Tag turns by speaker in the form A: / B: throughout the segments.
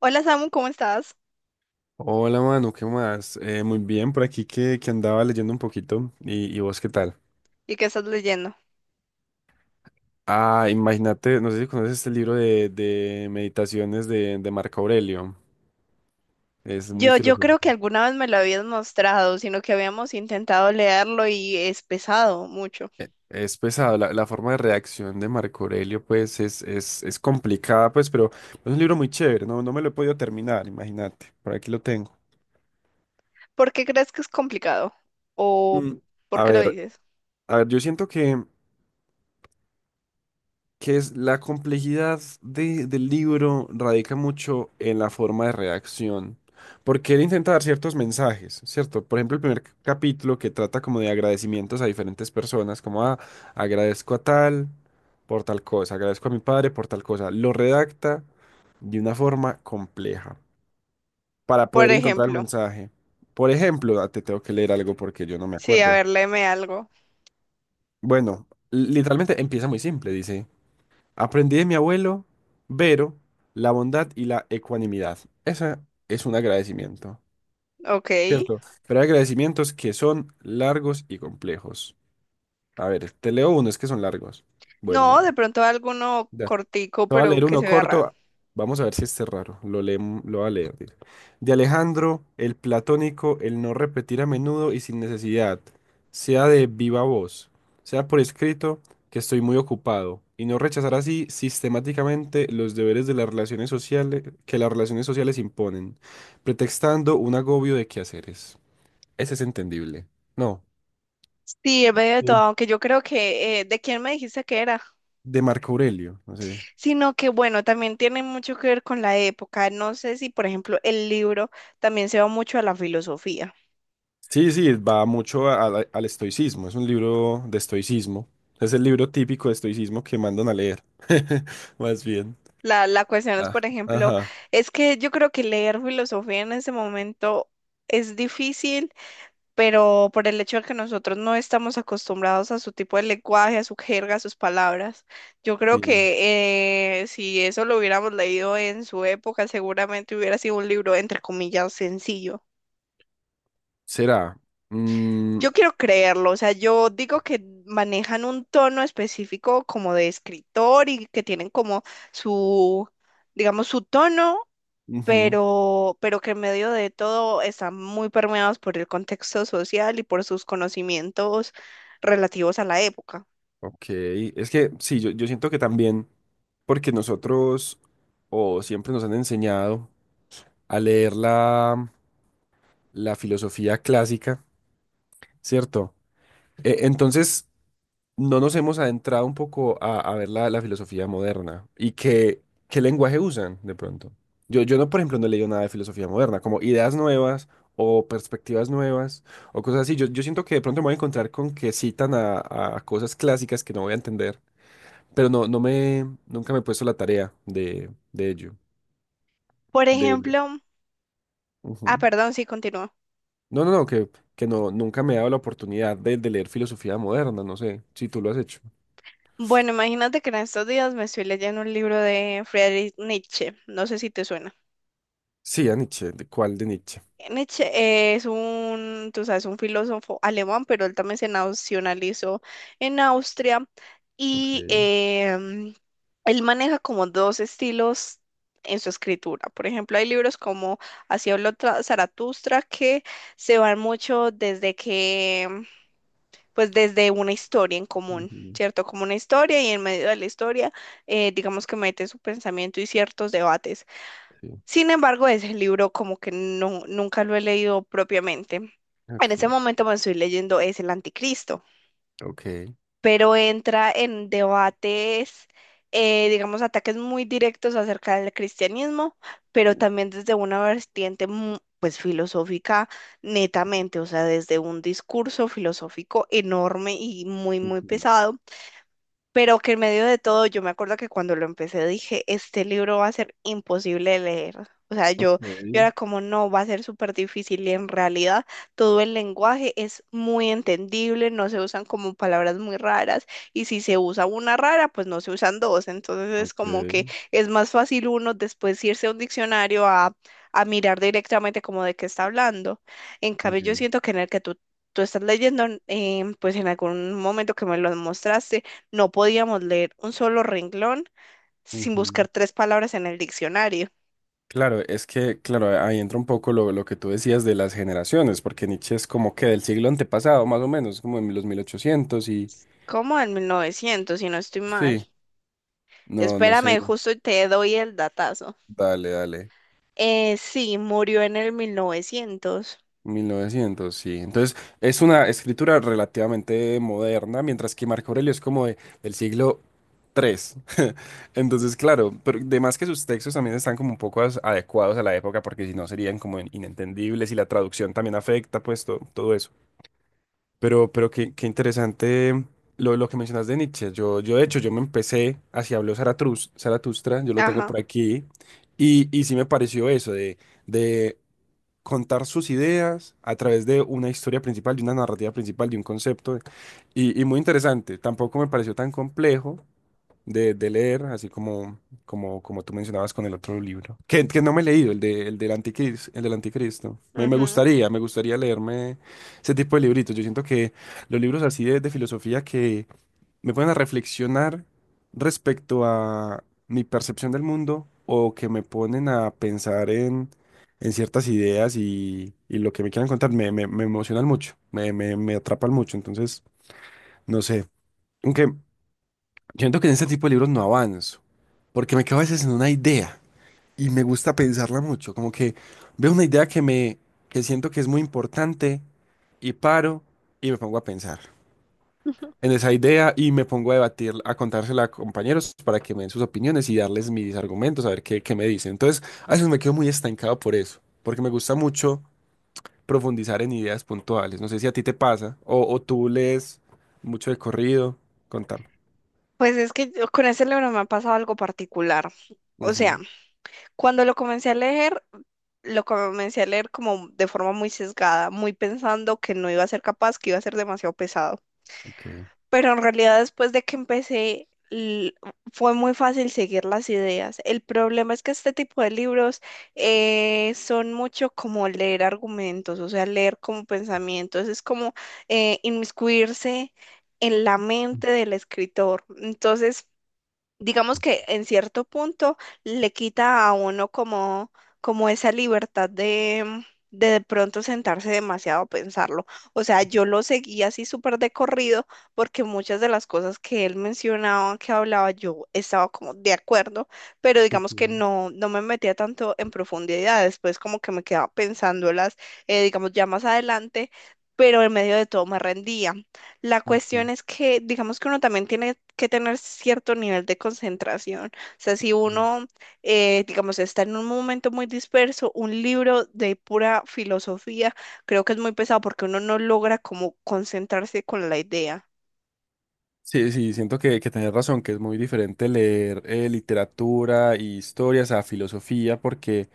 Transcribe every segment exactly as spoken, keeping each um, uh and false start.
A: Hola Samu, ¿cómo estás?
B: Hola, Manu, ¿qué más? Eh, muy bien, por aquí que, que andaba leyendo un poquito. ¿Y, y vos qué tal?
A: ¿Y qué estás leyendo?
B: Ah, imagínate, no sé si conoces este libro de, de meditaciones de, de Marco Aurelio. Es muy
A: Yo, yo creo
B: filosófico.
A: que alguna vez me lo habías mostrado, sino que habíamos intentado leerlo y es pesado mucho.
B: Eh, Es pesado, la, la forma de reacción de Marco Aurelio, pues, es, es, es complicada, pues, pero es un libro muy chévere, ¿no? No me lo he podido terminar, imagínate. Por aquí lo tengo.
A: ¿Por qué crees que es complicado? ¿O
B: Mm,
A: por
B: A
A: qué lo
B: ver,
A: dices?
B: a ver, yo siento que que es la complejidad de- del libro radica mucho en la forma de redacción, porque él intenta dar ciertos mensajes, ¿cierto? Por ejemplo, el primer c- capítulo que trata como de agradecimientos a diferentes personas, como, ah, agradezco a tal por tal cosa, agradezco a mi padre por tal cosa, lo redacta de una forma compleja para
A: Por
B: poder encontrar el
A: ejemplo,
B: mensaje. Por ejemplo, ah, te tengo que leer algo porque yo no me
A: sí, a
B: acuerdo.
A: ver, léeme algo.
B: Bueno, literalmente empieza muy simple, dice: Aprendí de mi abuelo, Vero, la bondad y la ecuanimidad. Esa es un agradecimiento,
A: Ok.
B: ¿cierto? Pero hay agradecimientos que son largos y complejos. A ver, te leo unos que son largos.
A: No, de
B: Bueno,
A: pronto alguno
B: va.
A: cortico,
B: Te voy a
A: pero
B: leer
A: que
B: uno
A: se vea raro.
B: corto. Vamos a ver si este es raro. Lo leem- lo voy a leer. Dice: De Alejandro, el platónico, el no repetir a menudo y sin necesidad, sea de viva voz, sea por escrito, que estoy muy ocupado, y no rechazar así sistemáticamente los deberes de las relaciones sociales que las relaciones sociales imponen, pretextando un agobio de quehaceres. Ese es entendible. No.
A: Sí, en medio de todo,
B: Sí.
A: aunque yo creo que, eh, ¿de quién me dijiste que era?
B: De Marco Aurelio. No sé.
A: Sino que, bueno, también tiene mucho que ver con la época. No sé si, por ejemplo, el libro también se va mucho a la filosofía.
B: Sí, sí, va mucho a- a- al estoicismo, es un libro de estoicismo, es el libro típico de estoicismo que mandan a leer, más bien.
A: La, la cuestión es,
B: Ah,
A: por ejemplo,
B: ajá,
A: es que yo creo que leer filosofía en ese momento es difícil, pero por el hecho de que nosotros no estamos acostumbrados a su tipo de lenguaje, a su jerga, a sus palabras, yo creo
B: sí.
A: que eh, si eso lo hubiéramos leído en su época, seguramente hubiera sido un libro, entre comillas, sencillo.
B: Será. Mm,
A: Yo quiero creerlo, o sea, yo digo que manejan un tono específico como de escritor y que tienen como su digamos, su tono
B: ujú.
A: pero, pero que en medio de todo están muy permeados por el contexto social y por sus conocimientos relativos a la época.
B: Ok, es que sí, yo, yo siento que también, porque nosotros o siempre nos han enseñado a leer la, la filosofía clásica, ¿cierto? Eh, entonces... no nos hemos adentrado un poco a, a ver la, la filosofía moderna y qué, qué lenguaje usan de pronto. Yo, yo no, por ejemplo, no he leído nada de filosofía moderna, como ideas nuevas o perspectivas nuevas o cosas así. Yo, yo siento que de pronto me voy a encontrar con que citan a, a cosas clásicas que no voy a entender, pero no, no me, nunca me he puesto la tarea de, de ello.
A: Por
B: de- de-
A: ejemplo, ah,
B: Ujú.
A: perdón, sí, continúa.
B: No, no, no, que, que no, nunca me he dado la oportunidad de, de leer filosofía moderna, no sé si tú lo has hecho.
A: Bueno, imagínate que en estos días me estoy leyendo un libro de Friedrich Nietzsche, no sé si te suena.
B: Sí, a Nietzsche, ¿de cuál de Nietzsche?
A: Nietzsche eh, es un, tú sabes, un filósofo alemán, pero él también se nacionalizó en Austria
B: Ok.
A: y em, él maneja como dos estilos en su escritura. Por ejemplo, hay libros como Así habló Tra- Zaratustra que se van mucho desde que, em, pues desde una historia en común.
B: Ujú.
A: ¿Cierto? Como una historia y en medio de la historia, eh, digamos que mete su pensamiento y ciertos debates.
B: Sí,
A: Sin embargo, ese libro como que no, nunca lo he leído propiamente. En ese
B: ok,
A: momento me estoy leyendo es El Anticristo,
B: ok,
A: pero entra en debates, eh, digamos, ataques muy directos acerca del cristianismo, pero también desde una vertiente mu- pues filosófica netamente, o sea, desde un discurso filosófico enorme y muy, muy
B: ujú,
A: pesado, pero que en medio de todo, yo me acuerdo que cuando lo empecé dije, este libro va a ser imposible de leer. O sea,
B: ok,
A: yo, yo era como, no, va a ser súper difícil y en realidad todo el lenguaje es muy entendible, no se usan como palabras muy raras y si se usa una rara, pues no se usan dos. Entonces es como que
B: ok,
A: es más fácil uno después irse a un diccionario a, a mirar directamente como de qué está hablando. En cambio,
B: ok,
A: yo siento que en el que tú, tú estás leyendo, eh, pues en algún momento que me lo mostraste, no podíamos leer un solo renglón sin
B: ujú.
A: buscar tres palabras en el diccionario.
B: Claro, es que, claro, ahí entra un poco lo, lo que tú decías de las generaciones, porque Nietzsche es como que del siglo antepasado, más o menos, como en los mil ochocientos y...
A: ¿Cómo? En mil novecientos, si no estoy mal.
B: Sí, no, no sé.
A: Espérame, justo te doy el datazo.
B: Dale, dale.
A: Eh, sí, murió en el mil novecientos.
B: mil novecientos, sí. Entonces, es una escritura relativamente moderna, mientras que Marco Aurelio es como de- del siglo tres. Entonces, claro, pero además que sus textos también están como un poco as- adecuados a la época, porque si no serían como in- inentendibles y la traducción también afecta, pues to- todo eso. Pero, pero qué, qué interesante lo, lo que mencionas de Nietzsche. Yo, yo, de hecho, yo me empecé, así habló Zaratrus- Zaratustra, yo lo tengo
A: Ajá.
B: por aquí, y, y sí me pareció eso de de contar sus ideas a través de una historia principal, de una narrativa principal, de un concepto. Y, y muy interesante. Tampoco me pareció tan complejo de, de leer, así como, como, como tú mencionabas con el otro libro. Que, que no me he leído, el, de, el del Anticristo, el del Anticristo. Me, me
A: Ujú.
B: gustaría, me gustaría leerme ese tipo de libritos. Yo siento que los libros así de, de filosofía que me pueden a reflexionar respecto a mi percepción del mundo o que me ponen a pensar en, en ciertas ideas y, y lo que me quieran contar me, me, me emocionan mucho, me, me, me atrapan mucho. Entonces, no sé. Aunque siento que en este tipo de libros no avanzo, porque me quedo a veces en una idea y me gusta pensarla mucho. Como que veo una idea que me, que siento que es muy importante y paro y me pongo a pensar en esa idea y me pongo a debatir, a contársela a compañeros para que me den sus opiniones y darles mis argumentos, a ver qué, qué me dicen. Entonces, a veces me quedo muy estancado por eso, porque me gusta mucho profundizar en ideas puntuales. No sé si a ti te pasa o, o tú lees mucho de corrido, contame.
A: Pues es que yo- con ese libro me ha pasado algo particular. O sea,
B: Ujú.
A: cuando lo comencé a leer, lo comencé a leer como de forma muy sesgada, muy pensando que no iba a ser capaz, que iba a ser demasiado pesado.
B: Okay.
A: Pero en realidad después de que empecé l- fue muy fácil seguir las ideas. El problema es que este tipo de libros eh, son mucho como leer argumentos, o sea, leer como pensamientos, es como eh, inmiscuirse en la mente del escritor. Entonces digamos que en cierto punto le quita a uno como, como esa libertad de de, de pronto sentarse demasiado a pensarlo. O sea, yo lo seguía así súper de corrido porque muchas de las cosas que él mencionaba, que hablaba, yo estaba como de acuerdo, pero
B: Ok,
A: digamos que no, no me metía tanto en profundidad. Después como que me quedaba pensándolas, eh, digamos, ya más adelante, pero en medio de todo me rendía. La
B: ok,
A: cuestión es que, digamos que uno también tiene que tener cierto nivel de concentración. O sea, si
B: mm.
A: uno, eh, digamos, está en un momento muy disperso, un libro de pura filosofía, creo que es muy pesado porque uno no logra como concentrarse con la idea.
B: Sí, sí, siento que, que tenés razón, que es muy diferente leer eh, literatura y historias a filosofía, porque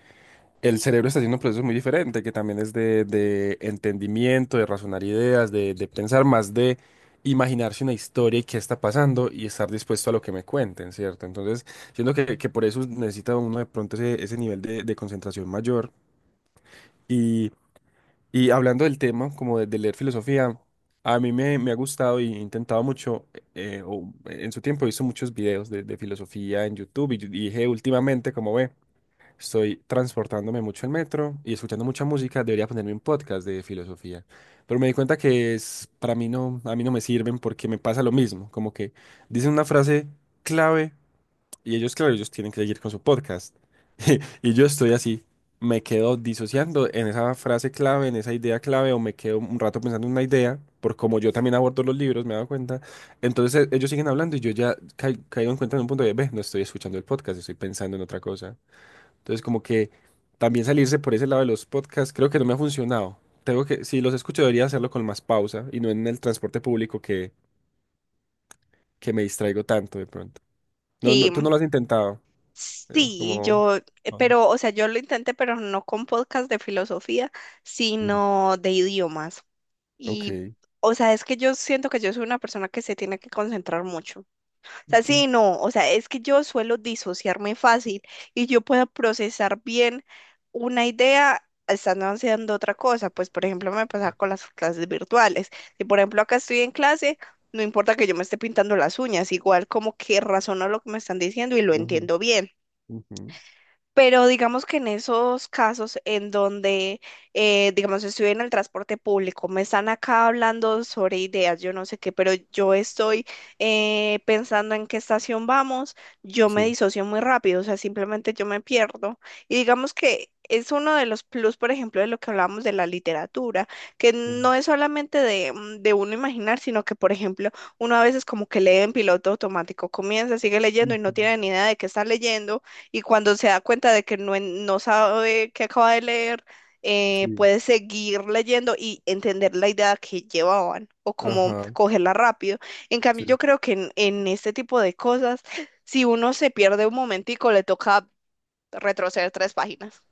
B: el cerebro está haciendo un proceso muy diferente, que también es de, de entendimiento, de razonar ideas, de, de pensar más, de imaginarse una historia y qué está pasando y estar dispuesto a lo que me cuenten, ¿cierto? Entonces, siento que, que por eso necesita uno de pronto ese, ese nivel de, de concentración mayor. Y, y hablando del tema, como de, de leer filosofía, a mí me, me ha gustado y he intentado mucho, eh, o en su tiempo he visto muchos videos de, de filosofía en YouTube y, y dije últimamente, como ve. Estoy transportándome mucho en metro y escuchando mucha música. Debería ponerme un podcast de filosofía. Pero me di cuenta que es, para mí no, a mí no me sirven porque me pasa lo mismo. Como que dicen una frase clave y ellos, claro, ellos tienen que seguir con su podcast. Y yo estoy así. Me quedo disociando en esa frase clave, en esa idea clave, o me quedo un rato pensando en una idea, por como yo también abordo los libros, me he dado cuenta. Entonces e- ellos siguen hablando y yo ya ca- caigo en cuenta en un punto de, ve, no estoy escuchando el podcast, estoy pensando en otra cosa. Entonces, como que también salirse por ese lado de los podcasts, creo que no me ha funcionado. Tengo que, si los escucho, debería hacerlo con más pausa y no en el transporte público que, que me distraigo tanto de pronto. No, no,
A: Sí,
B: tú no lo has intentado. eh,
A: sí,
B: Como.
A: yo, eh,
B: No.
A: pero, o sea, yo lo intenté, pero no con podcast de filosofía,
B: Mm,
A: sino de idiomas. Y,
B: ok.
A: o sea, es que yo siento que yo soy una persona que se tiene que concentrar mucho. O sea,
B: Ok.
A: sí, no, o sea, es que yo suelo disociarme fácil y yo puedo procesar bien una idea estando haciendo otra cosa. Pues, por ejemplo, me pasa con las clases virtuales. Si, por ejemplo, acá estoy en clase, no importa que yo me esté pintando las uñas, igual como que razono lo que me están diciendo y lo
B: Ujú,
A: entiendo bien.
B: ujú,
A: Pero digamos que en esos casos en donde, eh, digamos, estoy en el transporte público, me están acá hablando sobre ideas, yo no sé qué, pero yo estoy eh, pensando en qué estación vamos, yo me
B: sí.
A: disocio muy rápido, o sea, simplemente yo me pierdo. Y digamos que es uno de los plus, por ejemplo, de lo que hablábamos de la literatura, que
B: Ujú,
A: no es solamente de, mm, de uno imaginar, sino que, por ejemplo, uno a veces como que lee en piloto automático, comienza, sigue leyendo y no
B: ujú,
A: tiene ni idea de qué está leyendo y cuando se da cuenta de que no, en- no sabe qué acaba de leer, eh,
B: sí.
A: puede seguir leyendo y entender la idea que llevaban o cómo
B: Ajá.
A: cogerla rápido. En cambio, yo creo que en, en este tipo de cosas, si uno se pierde un momentico, le toca retroceder tres páginas.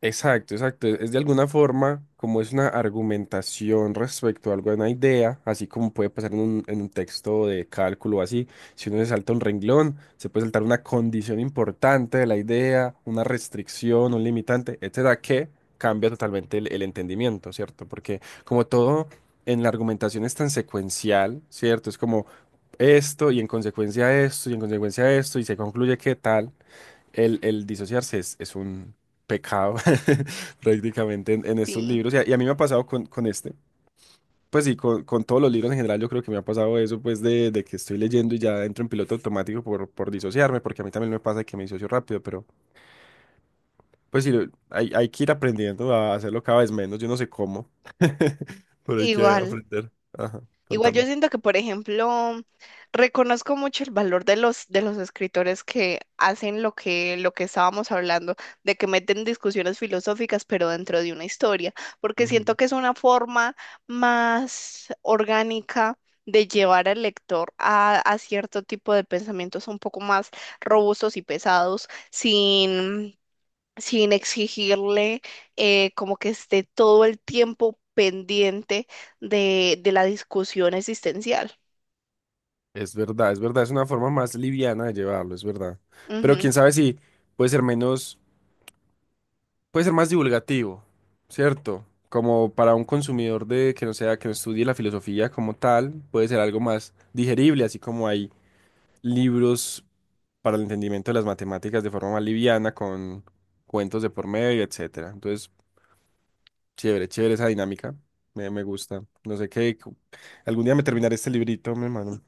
B: Exacto, exacto. Es de alguna forma como es una argumentación respecto a alguna idea, así como puede pasar en un, en un texto de cálculo o así. Si uno se salta un renglón, se puede saltar una condición importante de la idea, una restricción, un limitante, etcétera, que cambia totalmente el, el entendimiento, ¿cierto? Porque como todo en la argumentación es tan secuencial, ¿cierto? Es como esto y en consecuencia esto y en consecuencia esto y se concluye que tal. El, el disociarse es, es un pecado prácticamente en, en estos
A: Sí,
B: libros. Y a, y a mí me ha pasado con, con este. Pues sí, con, con todos los libros en general yo creo que me ha pasado eso, pues de, de que estoy leyendo y ya entro en piloto automático por, por disociarme, porque a mí también me pasa que me disocio rápido, pero pues sí, lo- hay, hay que ir aprendiendo a hacerlo cada vez menos. Yo no sé cómo, pero hay que
A: igual.
B: aprender. Ajá,
A: Igual yo
B: contame.
A: siento que, por ejemplo, reconozco mucho el valor de los, de los escritores que hacen lo que, lo que estábamos hablando, de que meten discusiones filosóficas, pero dentro de una historia, porque siento
B: Ujú.
A: que es una forma más orgánica de llevar al lector a, a cierto tipo de pensamientos un poco más robustos y pesados, sin sin exigirle eh, como que esté todo el tiempo pendiente de, de la discusión existencial.
B: Es verdad, es verdad, es una forma más liviana de llevarlo, es verdad. Pero
A: Ujú.
B: quién sabe si puede ser menos puede ser más divulgativo, ¿cierto? Como para un consumidor de que no sea, que no estudie la filosofía como tal, puede ser algo más digerible, así como hay libros para el entendimiento de las matemáticas de forma más liviana, con cuentos de por medio, etcétera. Entonces, chévere, chévere esa dinámica. Me, me gusta. No sé qué. cu- Algún día me terminaré este librito, mi hermano.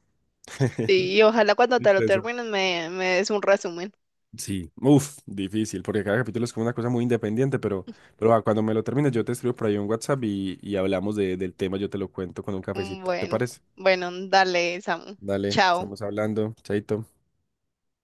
A: Sí, y ojalá cuando te lo
B: Listo,
A: termines me, me des un resumen.
B: sí, uff, difícil, porque cada capítulo es como una cosa muy independiente, pero, pero va, cuando me lo termines yo te escribo por ahí un WhatsApp y, y hablamos de- del tema, yo te lo cuento con un cafecito, ¿te
A: Bueno,
B: parece?
A: bueno, dale, Samu.
B: Dale,
A: Chao.
B: estamos hablando, chaito.